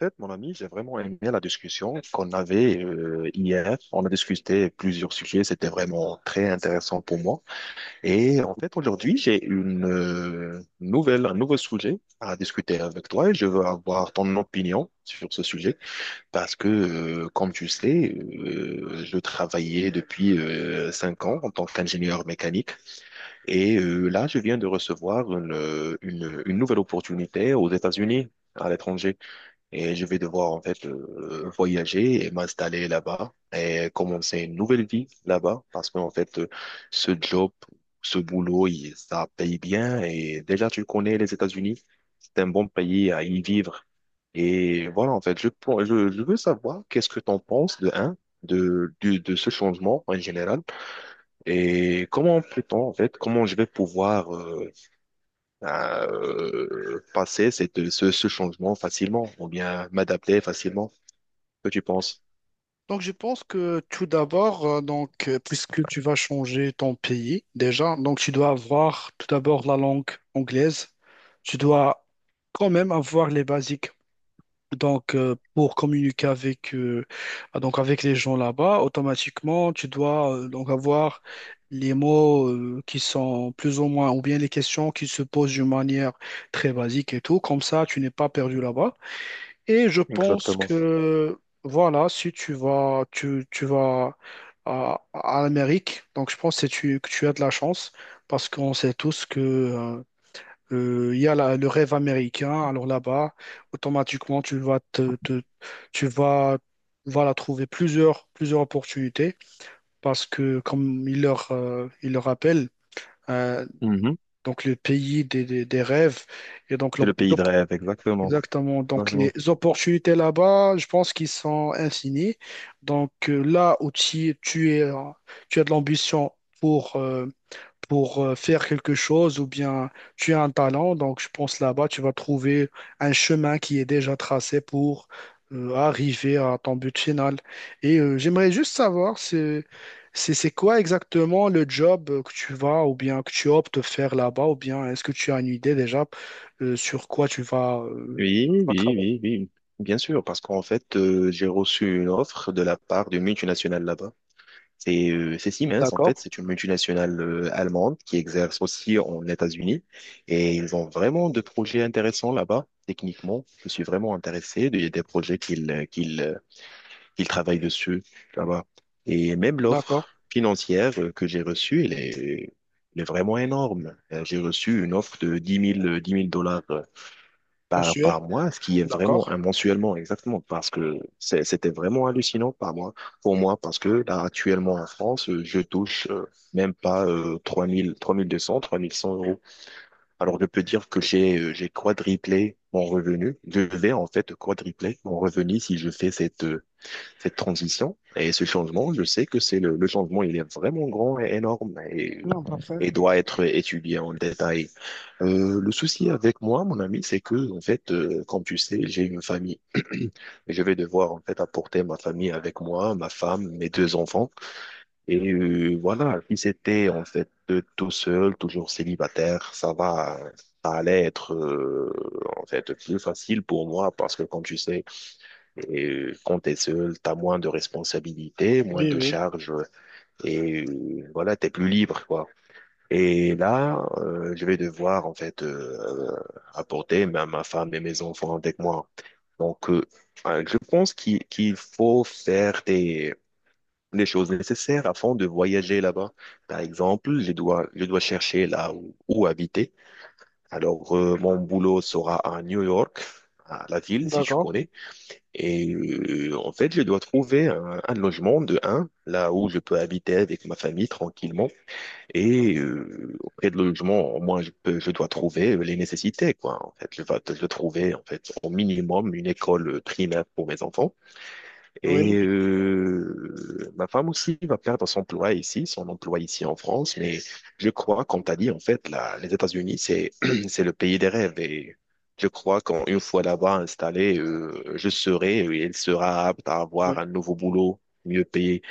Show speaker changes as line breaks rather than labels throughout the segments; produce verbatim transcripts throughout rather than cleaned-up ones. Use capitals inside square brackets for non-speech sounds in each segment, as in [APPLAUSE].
Fait, mon ami, j'ai vraiment aimé la discussion qu'on avait euh, hier. On a discuté plusieurs sujets, c'était vraiment très intéressant pour moi. Et en fait, aujourd'hui, j'ai une euh, nouvelle, un nouveau sujet à discuter avec toi et je veux avoir ton opinion sur ce sujet parce que, euh, comme tu sais, euh, je travaillais depuis euh, cinq ans en tant qu'ingénieur mécanique. Et euh, là, je viens de recevoir une, une une nouvelle opportunité aux États-Unis, à l'étranger. Et je vais devoir en fait, euh, voyager et m'installer là-bas et commencer une nouvelle vie là-bas parce qu'en fait, euh, ce job, ce boulot, il- ça paye bien et déjà tu connais les États-Unis, c'est un bon pays à y vivre. Et voilà en fait, je, pour- je, je veux savoir qu'est-ce que t'en penses de un, de, de, de ce changement en général et comment peut-on en fait, comment je vais pouvoir euh, euh, passer cette, ce, ce changement facilement ou bien m'adapter facilement, que tu penses?
Donc, je pense que tout d'abord, euh, donc, euh, puisque tu vas changer ton pays déjà, donc tu dois avoir tout d'abord la langue anglaise. Tu dois quand même avoir les basiques. Donc, euh, pour communiquer avec, euh, ah, donc avec les gens là-bas, automatiquement, tu dois euh, donc avoir les mots euh, qui sont plus ou moins, ou bien les questions qui se posent d'une manière très basique et tout. Comme ça, tu n'es pas perdu là-bas. Et je pense
Exactement.
que, voilà, si tu vas, tu, tu vas à, à l'Amérique, donc je pense que tu, que tu as de la chance parce qu'on sait tous que, euh, euh, il y a la- le rêve américain. Alors là-bas, automatiquement, tu vas te, te- tu vas, voilà, trouver plusieurs, plusieurs opportunités parce que, comme il leur, euh, il leur rappelle, euh,
Mhm.
donc le pays des, des, des rêves et donc
C'est
l'op-
le pays de rêve, exactement.
Exactement. Donc,
Mhm.
les opportunités là-bas, je pense qu'ils sont infinies. Donc, euh, là où tu, tu es, euh, tu as de l'ambition pour, euh, pour euh, faire quelque chose ou bien tu as un talent. Donc, je pense là-bas, tu vas trouver un chemin qui est déjà tracé pour euh, arriver à ton but final. Et euh, j'aimerais juste savoir, c'est, c'est, c'est quoi exactement le job euh, que tu vas ou bien que tu optes de faire là-bas ou bien est-ce que tu as une idée déjà euh, sur quoi tu vas, euh,
Oui,
tu
oui,
vas travailler?
oui, oui. Bien sûr, parce qu'en fait, euh, j'ai reçu une offre de la part d'une multinationale là-bas. C'est euh, c'est Siemens, en fait,
D'accord,
c'est une multinationale euh, allemande qui exerce aussi en États-Unis. Et ils ont vraiment de projets intéressants là-bas, techniquement. Je suis vraiment intéressé des, des projets qu'ils euh, qu'ils euh, qu'ils travaillent dessus là-bas. Et même l'offre
d'accord.
financière, euh, que j'ai reçue, elle est, elle est vraiment énorme. Euh, J'ai reçu une offre de dix mille euh, dix mille dollars, euh, par,
Mensuel?
par mois, ce qui est vraiment
D'accord.
un mensuellement, exactement, parce que c'est- c'était vraiment hallucinant par mois, pour moi, parce que là, actuellement en France, euh, je touche euh, même pas, euh, trois mille, trois mille deux cents, trois mille cent euros. Alors, je peux dire que j'ai euh, j'ai quadruplé mon revenu. Je vais en fait quadrupler mon revenu si je fais cette, euh, cette transition et ce changement. Je sais que c'est le, le changement, il est vraiment grand et énorme et,
Non, parfait.
et doit être étudié en détail. Euh, le souci avec moi, mon ami, c'est que, en fait, euh, comme tu sais, j'ai une famille. Je vais devoir, en fait, apporter ma famille avec moi, ma femme, mes deux enfants. Et euh, voilà, si c'était, en fait, euh, tout seul, toujours célibataire, ça va, ça allait être, euh, en fait, plus facile pour moi parce que, comme tu sais, et euh, quand t'es seul, t'as moins de responsabilités, moins
Oui,
de
oui.
charges, et euh, voilà, t'es plus libre, quoi. Et là, euh, je vais devoir en fait, euh, apporter ma, ma femme et mes enfants avec moi. Donc, euh, euh, je pense qu'il qu'il faut faire des les choses nécessaires afin de voyager là-bas. Par exemple, je dois je dois chercher là où, où habiter. Alors, euh, mon boulot sera à New York, à la ville, si tu
D'accord.
connais. Et euh, en fait, je dois trouver un, un logement de un, là où je peux habiter avec ma famille tranquillement. Et euh, auprès de logement, moi, je peux, je dois trouver les nécessités, quoi. En fait, je vais, je dois trouver, en fait, au minimum une école primaire pour mes enfants.
Oui,
Et
oui,
euh, ma femme aussi va perdre son emploi ici, son emploi ici en France. Mais je crois, comme tu as dit, en fait, là, les États-Unis, c'est [CLEARS THROAT] c'est le pays des rêves. Et je crois qu'une fois là-bas installé, euh, je serai et elle sera apte à avoir
oui.
un nouveau boulot mieux payé.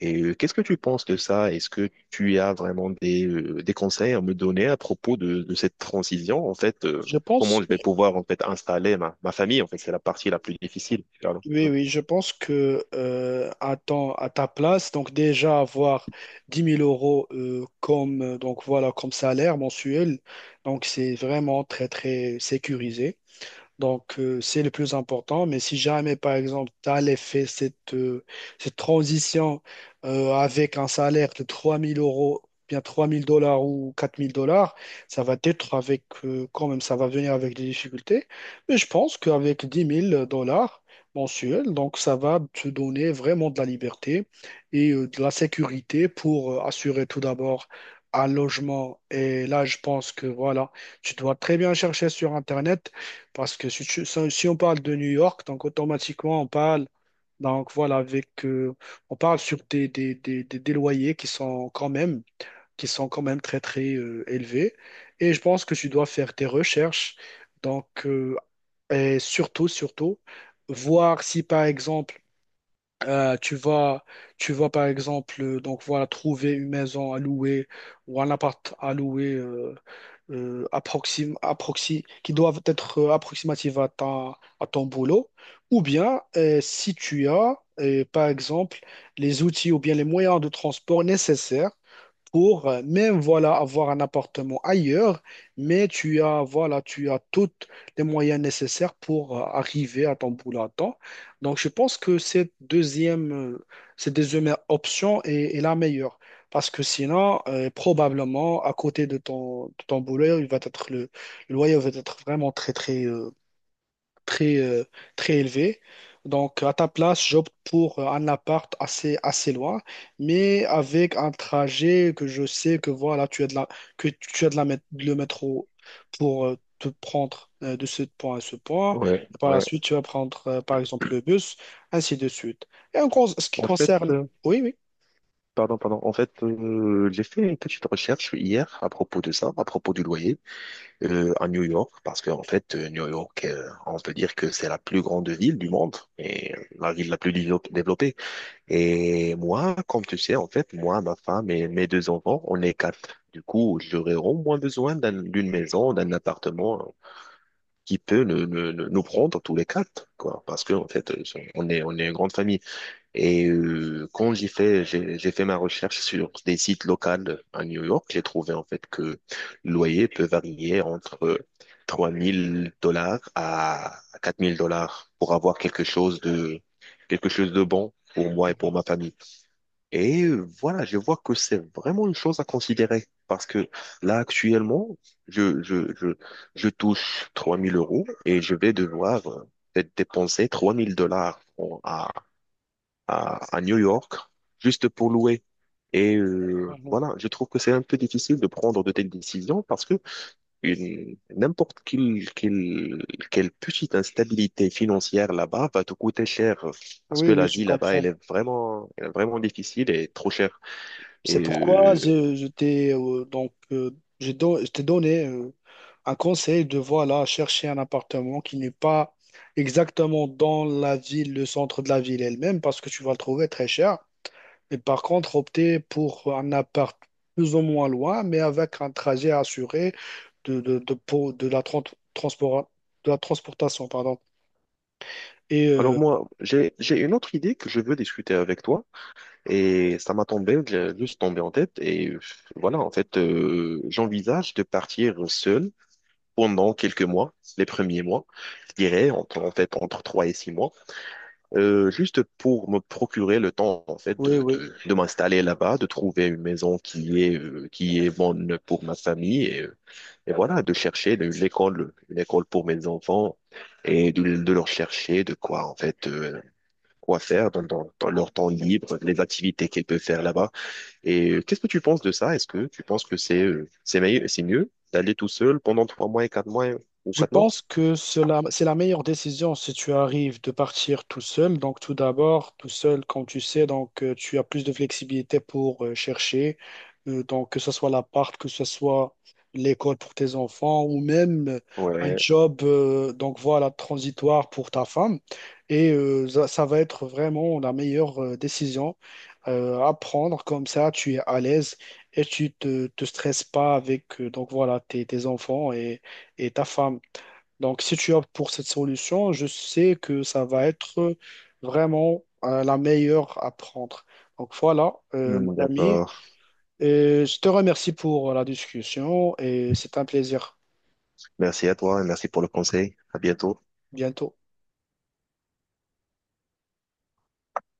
Et euh, qu'est-ce que tu penses de ça? Est-ce que tu as vraiment des, euh, des conseils à me donner à propos de, de cette transition, en fait, euh,
Je pense.
comment je vais pouvoir en fait installer ma, ma famille? En fait, c'est la partie la plus difficile. Pardon.
Oui, oui, je pense que euh, à ton- à ta place, donc déjà avoir dix mille euros euh, comme, euh, donc voilà, comme salaire mensuel, donc c'est vraiment très, très sécurisé. Donc, euh, c'est le plus important. Mais si jamais, par exemple, tu as fait cette, euh, cette transition euh, avec un salaire de trois mille euros, bien trois mille dollars ou quatre mille dollars, ça va être avec, euh, quand même, ça va venir avec des difficultés. Mais je pense qu'avec dix mille dollars mensuels, donc ça va te donner vraiment de la liberté et euh, de la sécurité pour euh, assurer tout d'abord un logement. Et là, je pense que voilà, tu dois très bien chercher sur Internet parce que si, tu- si- si on parle de New York, donc automatiquement on parle, donc voilà, avec, euh, on parle sur des, des, des, des, des loyers qui sont quand même, qui sont quand même très très euh, élevés. Et je pense que tu dois faire tes recherches, donc euh, et surtout surtout voir si par exemple euh, tu vas, tu vas par exemple euh, donc voilà trouver une maison à louer ou un appart à louer euh, euh, approxim, approxi, qui doivent être euh, approximatives à ta- à ton boulot. Ou bien euh, si tu as euh, par exemple les outils ou bien les moyens de transport nécessaires pour euh, même voilà avoir un appartement ailleurs, mais tu as voilà tu as tous les moyens nécessaires pour euh, arriver à ton boulot à temps. Donc je pense que cette deuxième euh, cette deuxième option est, est la meilleure parce que sinon euh, probablement à côté de ton de ton boulot il va être le, le loyer va être vraiment très très euh, très, euh, très élevé. Donc, à ta place, j'opte pour euh, un appart assez, assez loin, mais avec un trajet que je sais que voilà, tu as de la, que tu as de la, mét- le métro pour euh, te prendre euh, de ce point à ce point.
Ouais,
Et par la
ouais.
suite, tu vas prendre, euh, par exemple, le bus, ainsi de suite. Et en cause, ce qui
En fait,
concerne...
euh,
Oui, oui.
pardon, pardon. En fait, euh, j'ai fait une petite recherche hier à propos de ça, à propos du loyer, euh, à New York, parce que en fait, euh, New York, euh, on peut dire que c'est la plus grande ville du monde et la ville la plus dévelop- développée. Et moi, comme tu sais, en fait, moi, ma femme et mes deux enfants, on est quatre. Du coup, j'aurais au moins besoin d'un- d'une maison, d'un appartement qui peut ne- ne- ne- nous prendre tous les quatre, quoi, parce que en fait, euh, on est on est une grande famille. Et euh, quand j'ai fait, j'ai j'ai fait ma recherche sur des sites locaux à New York, j'ai trouvé en fait que le loyer peut varier entre trois mille dollars à quatre mille dollars pour avoir quelque chose de, quelque chose de bon pour moi et
Mhm,
pour ma famille. Et euh, voilà, je vois que c'est vraiment une chose à considérer parce que là, actuellement, je, je, je, je touche trois mille euros et je vais devoir, euh, peut-être dépenser trois mille dollars à, à New York juste pour louer. Et euh,
mhm.
voilà, je trouve que c'est un peu difficile de prendre de telles décisions parce que une- n'importe quelle, quelle, quelle petite instabilité financière là-bas va te coûter cher parce
Oui,
que
oui,
la
je
vie là-bas,
comprends.
elle est vraiment, elle est vraiment difficile et trop chère. Et
C'est pourquoi
euh,
je, je t'ai euh, donc euh, je don- je t'ai donné euh, un conseil de voilà chercher un appartement qui n'est pas exactement dans la ville, le centre de la ville elle-même, parce que tu vas le trouver très cher. Mais par contre, opter pour un appart plus ou moins loin, mais avec un trajet assuré de, de, de, pour- de la tran- transport, de la transportation, pardon. Et
alors
euh,
moi, j'ai, j'ai une autre idée que je veux discuter avec toi et ça m'a tombé, j'ai juste tombé en tête, et euh, voilà, en fait, euh, j'envisage de partir seul pendant quelques mois, les premiers mois, je dirais, entre- en fait, entre trois et six mois, euh, juste pour me procurer le temps, en fait,
oui,
de,
oui.
de, de m'installer là-bas, de trouver une maison qui est, euh, qui est bonne pour ma famille, et, euh, et voilà, de chercher de- une école, une école pour mes enfants et de, de leur chercher de quoi, en fait, euh, quoi faire dans, dans, dans leur temps libre, les activités qu'ils peuvent faire là-bas. Et euh, qu'est-ce que tu penses de ça? Est-ce que tu penses que c'est euh, c'est meilleur, c'est mieux d'aller tout seul pendant trois mois et quatre mois ou
Je
quatre mois?
pense que cela, c'est la meilleure décision si tu arrives de partir tout seul. Donc, tout d'abord, tout seul, comme tu sais, donc euh, tu as plus de flexibilité pour euh, chercher. Euh, donc, que ce soit l'appart, que ce soit l'école pour tes enfants ou même euh, un
Ouais,
job, euh, donc voilà, transitoire pour ta femme. Et euh, ça, ça va être vraiment la meilleure euh, décision euh, à prendre. Comme ça, tu es à l'aise et tu te, te stresses pas avec euh, donc voilà, tes, tes enfants et, et ta femme. Donc, si tu optes pour cette solution, je sais que ça va être vraiment euh, la meilleure à prendre. Donc voilà, euh, mon
hmm,
ami,
d'accord.
Euh, je te remercie pour la discussion et c'est un plaisir.
Merci à toi et merci pour le conseil. À bientôt.
Bientôt.